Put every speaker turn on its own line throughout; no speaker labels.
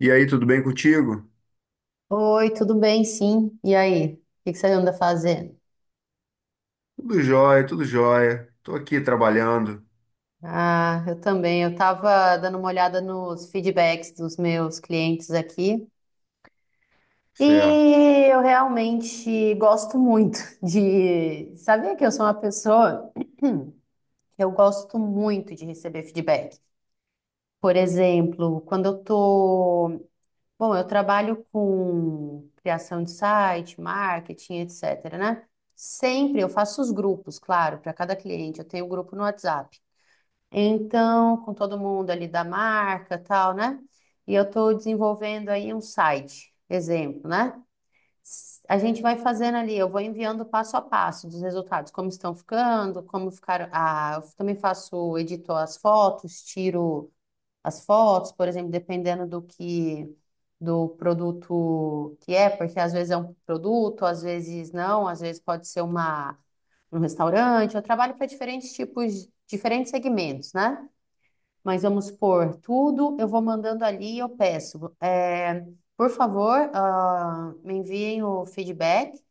E aí, tudo bem contigo?
Oi, tudo bem? Sim. E aí? O que que você anda fazendo?
Tudo jóia, tudo jóia. Tô aqui trabalhando.
Ah, eu também. Eu estava dando uma olhada nos feedbacks dos meus clientes aqui
Certo,
e eu realmente gosto muito de. Sabia que eu sou uma pessoa eu gosto muito de receber feedback. Por exemplo, quando eu tô Bom, eu trabalho com criação de site, marketing, etc, né? Sempre eu faço os grupos, claro, para cada cliente. Eu tenho um grupo no WhatsApp. Então, com todo mundo ali da marca, tal, né? E eu estou desenvolvendo aí um site, exemplo, né? A gente vai fazendo ali, eu vou enviando passo a passo dos resultados, como estão ficando, como ficaram. Ah, eu também faço, edito as fotos, tiro as fotos, por exemplo, dependendo do produto que é, porque às vezes é um produto, às vezes não, às vezes pode ser uma um restaurante. Eu trabalho para diferentes tipos, diferentes segmentos, né? Mas vamos supor, tudo eu vou mandando ali e eu peço, por favor, ah, me enviem o feedback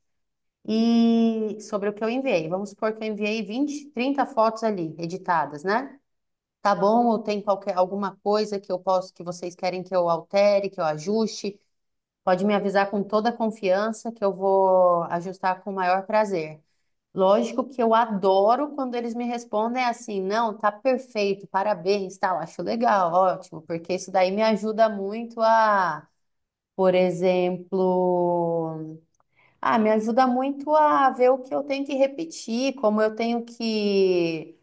e sobre o que eu enviei. Vamos supor que eu enviei 20, 30 fotos ali, editadas, né? Tá bom? Ou tem qualquer alguma coisa que eu posso que vocês querem que eu altere, que eu ajuste? Pode me avisar com toda a confiança que eu vou ajustar com o maior prazer. Lógico que eu adoro quando eles me respondem assim, não, tá perfeito, parabéns, tal, acho legal, ótimo, porque isso daí me ajuda muito a, por exemplo, ah, me ajuda muito a ver o que eu tenho que repetir, como eu tenho que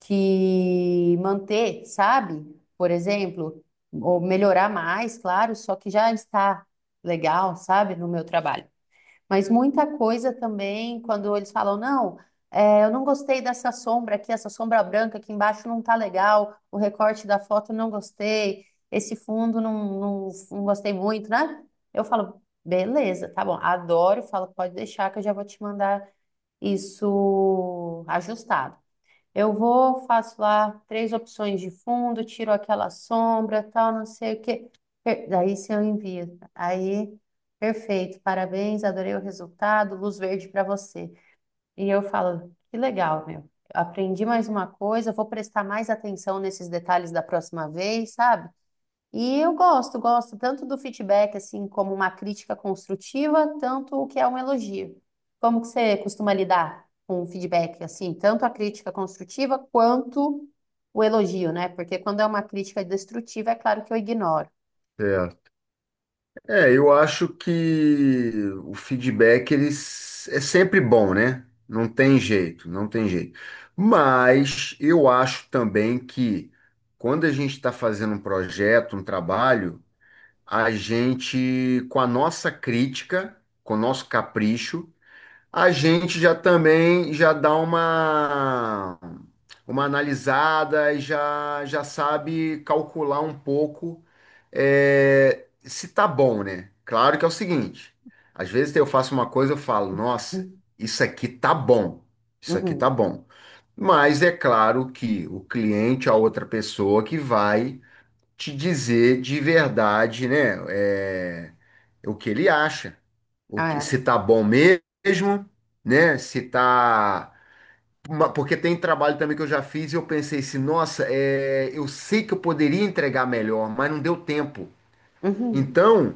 que manter, sabe? Por exemplo, ou melhorar mais, claro, só que já está legal, sabe, no meu trabalho. Mas muita coisa também, quando eles falam, não, eu não gostei dessa sombra aqui, essa sombra branca aqui embaixo não tá legal, o recorte da foto eu não gostei, esse fundo não, não, não gostei muito, né? Eu falo, beleza, tá bom, adoro, falo, pode deixar que eu já vou te mandar isso ajustado. Eu vou, faço lá três opções de fundo, tiro aquela sombra, tal, não sei o quê. Daí se eu envio, aí, perfeito, parabéns, adorei o resultado, luz verde para você. E eu falo, que legal, meu. Aprendi mais uma coisa, vou prestar mais atenção nesses detalhes da próxima vez, sabe? E eu gosto, gosto tanto do feedback assim como uma crítica construtiva, tanto o que é um elogio. Como que você costuma lidar com o feedback assim, tanto a crítica construtiva quanto o elogio, né? Porque quando é uma crítica destrutiva, é claro que eu ignoro.
certo. Eu acho que o feedback é sempre bom, né? Não tem jeito, não tem jeito. Mas eu acho também que quando a gente está fazendo um projeto, um trabalho, a gente, com a nossa crítica, com o nosso capricho, a gente já também já dá uma analisada e já sabe calcular um pouco se tá bom, né? Claro que é o seguinte, às vezes eu faço uma coisa eu falo, nossa,
Uhum.
isso aqui tá bom, isso aqui tá
Uhum.
bom. Mas é claro que o cliente, a outra pessoa que vai te dizer de verdade, né? O que ele acha, o que,
Ah,
se tá bom mesmo, né? Se tá. Porque tem trabalho também que eu já fiz e eu pensei assim, nossa, eu sei que eu poderia entregar melhor, mas não deu tempo.
é. Uhum.
Então,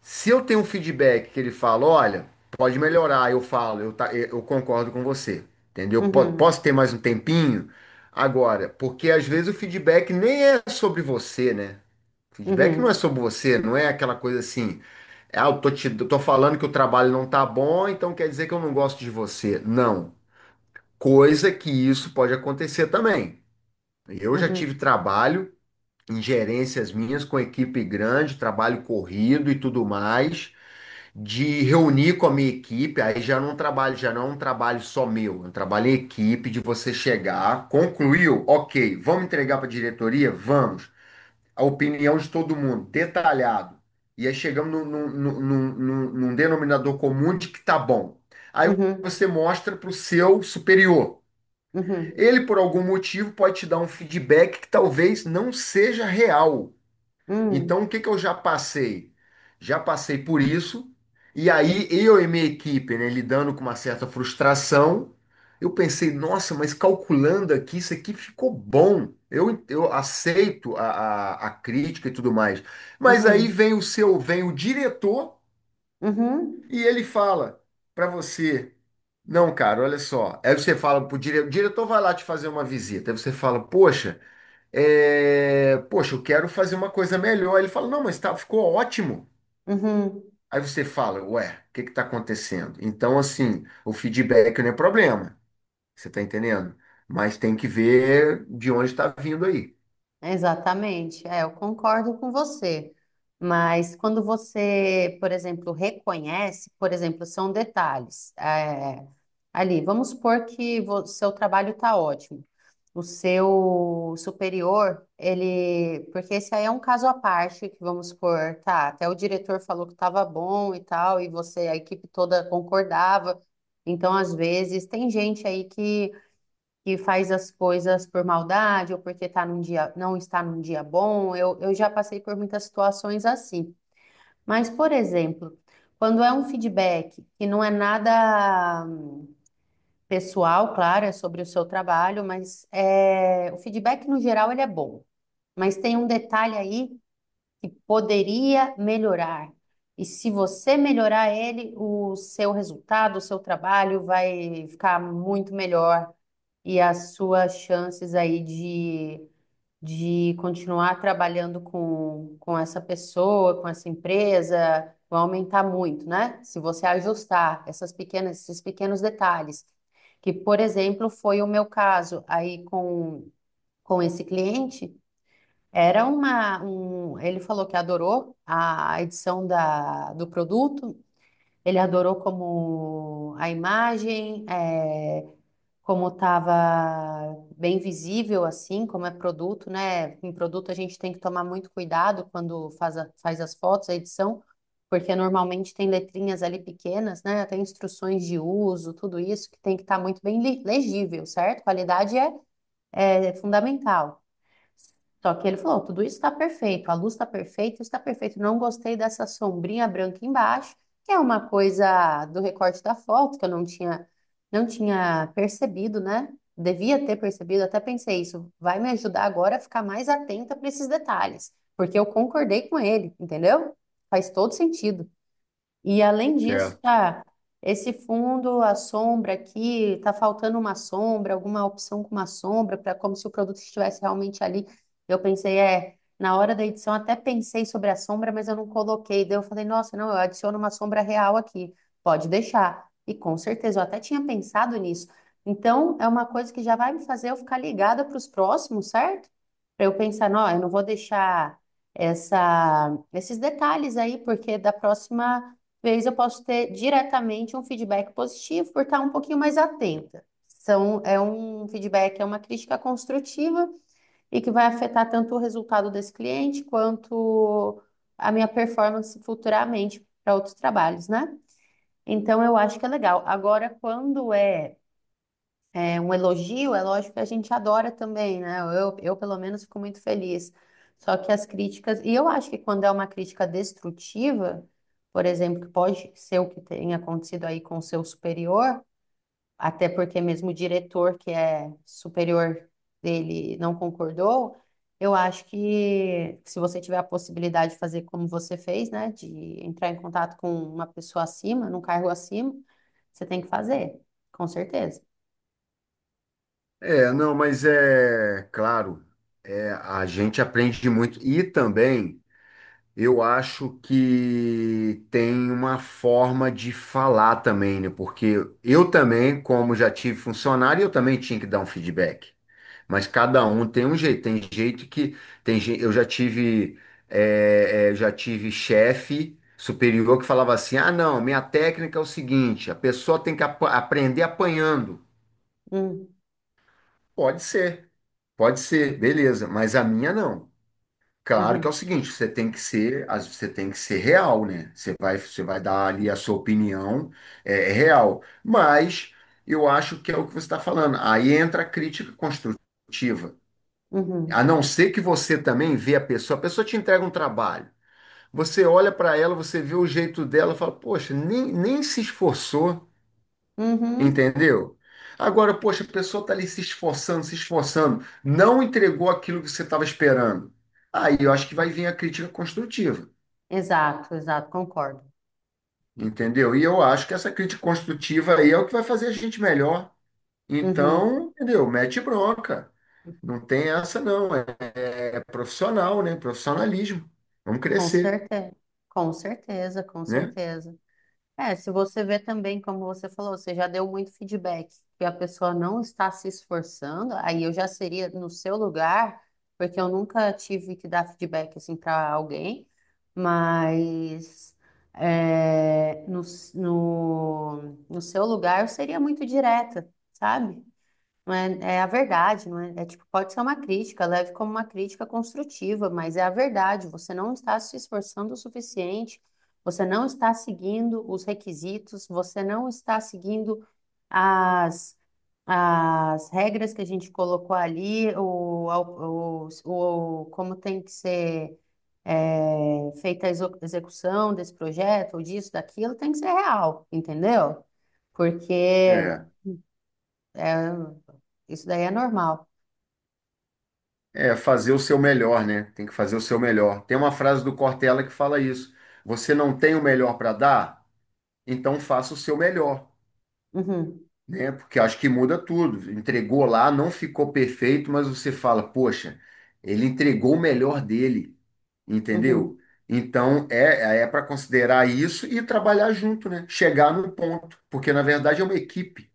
se eu tenho um feedback que ele fala, olha, pode melhorar, eu falo, eu, tá, eu concordo com você, entendeu?
Uhum.
Posso ter mais um tempinho? Agora, porque às vezes o feedback nem é sobre você, né? Feedback não
Uhum.
é sobre você, não é aquela coisa assim, ah, eu tô falando que o trabalho não tá bom, então quer dizer que eu não gosto de você. Não. Coisa que isso pode acontecer também. Eu já
Uhum.
tive trabalho em gerências minhas com equipe grande, trabalho corrido e tudo mais, de reunir com a minha equipe, aí já não trabalho, já não é um trabalho só meu, é um trabalho em equipe de você chegar, concluiu, ok, vamos entregar para a diretoria? Vamos a opinião de todo mundo, detalhado. E aí chegamos num denominador comum de que tá bom. Aí
Uhum.
você mostra para o seu superior.
Uhum.
Ele, por algum motivo, pode te dar um feedback que talvez não seja real.
Uhum.
Então, o que que eu já passei? Já passei por isso, e aí eu e minha equipe, né, lidando com uma certa frustração, eu pensei, nossa, mas calculando aqui, isso aqui ficou bom. Eu aceito a crítica e tudo mais. Mas aí
Uhum.
vem o diretor.
Uhum.
E ele fala para você, não, cara, olha só. Aí você fala pro diretor, o diretor vai lá te fazer uma visita. Aí você fala, poxa, poxa, eu quero fazer uma coisa melhor. Ele fala, não, mas tá, ficou ótimo.
Uhum.
Aí você fala, ué, o que que tá acontecendo? Então, assim, o feedback não é problema, você tá entendendo? Mas tem que ver de onde está vindo aí.
Exatamente, é, eu concordo com você. Mas quando você, por exemplo, reconhece, por exemplo, são detalhes, ali, vamos supor que o seu trabalho está ótimo. O seu superior, ele. Porque esse aí é um caso à parte, que vamos supor, tá, até o diretor falou que estava bom e tal, e você, a equipe toda concordava. Então, às vezes, tem gente aí que faz as coisas por maldade ou porque tá num dia, não está num dia bom. Eu já passei por muitas situações assim. Mas, por exemplo, quando é um feedback que não é nada pessoal, claro, é sobre o seu trabalho, mas o feedback no geral ele é bom. Mas tem um detalhe aí que poderia melhorar. E se você melhorar ele, o seu resultado, o seu trabalho vai ficar muito melhor e as suas chances aí de continuar trabalhando com essa pessoa, com essa empresa, vão aumentar muito, né? Se você ajustar essas pequenas, esses pequenos detalhes, que, por exemplo, foi o meu caso aí com esse cliente, era uma, um, ele falou que adorou a edição do produto, ele adorou como a imagem, como estava bem visível, assim, como é produto, né? Em produto a gente tem que tomar muito cuidado quando faz, faz as fotos, a edição, porque normalmente tem letrinhas ali pequenas, né? Tem instruções de uso, tudo isso que tem que estar muito bem legível, certo? Qualidade é fundamental. Só que ele falou: tudo isso está perfeito, a luz está perfeita, está perfeito. Não gostei dessa sombrinha branca embaixo, que é uma coisa do recorte da foto que eu não tinha percebido, né? Devia ter percebido, até pensei isso. Vai me ajudar agora a ficar mais atenta para esses detalhes, porque eu concordei com ele, entendeu? Faz todo sentido. E além disso,
Certo.
tá, esse fundo, a sombra aqui, tá faltando uma sombra, alguma opção com uma sombra, para como se o produto estivesse realmente ali. Eu pensei, na hora da edição até pensei sobre a sombra, mas eu não coloquei. Daí eu falei, nossa, não, eu adiciono uma sombra real aqui, pode deixar. E com certeza, eu até tinha pensado nisso. Então, é uma coisa que já vai me fazer eu ficar ligada para os próximos, certo? Para eu pensar, não, eu não vou deixar essa, esses detalhes aí, porque da próxima vez eu posso ter diretamente um feedback positivo por estar um pouquinho mais atenta. É um feedback, é uma crítica construtiva e que vai afetar tanto o resultado desse cliente quanto a minha performance futuramente para outros trabalhos, né? Então eu acho que é legal. Agora, quando é um elogio, é lógico que a gente adora também, né? Eu pelo menos fico muito feliz. Só que as críticas, e eu acho que quando é uma crítica destrutiva, por exemplo, que pode ser o que tem acontecido aí com o seu superior, até porque mesmo o diretor que é superior dele não concordou, eu acho que se você tiver a possibilidade de fazer como você fez, né, de entrar em contato com uma pessoa acima, num cargo acima, você tem que fazer, com certeza.
Não, mas é claro, a gente aprende muito. E também. Eu acho que tem uma forma de falar também, né? Porque eu também, como já tive funcionário, eu também tinha que dar um feedback. Mas cada um tem um jeito. Tem jeito que tem gente. Eu já tive já tive chefe superior que falava assim: Ah, não, minha técnica é o seguinte: a pessoa tem que aprender apanhando.
Hum,
Pode ser, pode ser, beleza. Mas a minha não. Claro que
uhum.
é o seguinte, você tem que ser real, né? Você vai dar ali a sua opinião, é real. Mas eu acho que é o que você está falando. Aí entra a crítica construtiva. A
Uhum.
não ser que você também vê a pessoa te entrega um trabalho. Você olha para ela, você vê o jeito dela, fala, poxa, nem se esforçou.
Uhum.
Entendeu? Agora, poxa, a pessoa está ali se esforçando, se esforçando, não entregou aquilo que você estava esperando. Aí eu acho que vai vir a crítica construtiva,
Exato, exato, concordo.
entendeu? E eu acho que essa crítica construtiva aí é o que vai fazer a gente melhor.
Uhum.
Então, entendeu? Mete bronca. Não tem essa, não. É profissional, né? Profissionalismo. Vamos
Com
crescer,
certeza. Com certeza, com
né?
certeza. É, se você vê também, como você falou, você já deu muito feedback, que a pessoa não está se esforçando, aí eu já seria no seu lugar, porque eu nunca tive que dar feedback assim para alguém, mas é, no, no, no seu lugar eu seria muito direta, sabe? Não é, é a verdade, não é? É tipo, pode ser uma crítica, leve como uma crítica construtiva, mas é a verdade. Você não está se esforçando o suficiente, você não está seguindo os requisitos, você não está seguindo as, as regras que a gente colocou ali, como tem que ser feita a execução desse projeto, ou disso, daquilo, tem que ser real, entendeu? Porque
É,
é, isso daí é normal.
É fazer o seu melhor, né? Tem que fazer o seu melhor. Tem uma frase do Cortella que fala isso. Você não tem o melhor para dar? Então faça o seu melhor,
Uhum,
né? Porque acho que muda tudo. Entregou lá, não ficou perfeito, mas você fala, poxa, ele entregou o melhor dele,
uhum.
entendeu? Então é para considerar isso e trabalhar junto, né? Chegar no ponto, porque na verdade é uma equipe,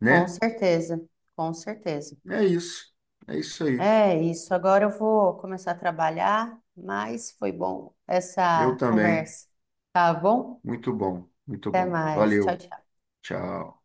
Com
né?
certeza, com certeza.
É isso. É isso aí.
É isso. Agora eu vou começar a trabalhar, mas foi bom
Eu
essa
também.
conversa. Tá bom?
Muito bom, muito
Até
bom.
mais. Tchau,
Valeu.
tchau.
Tchau.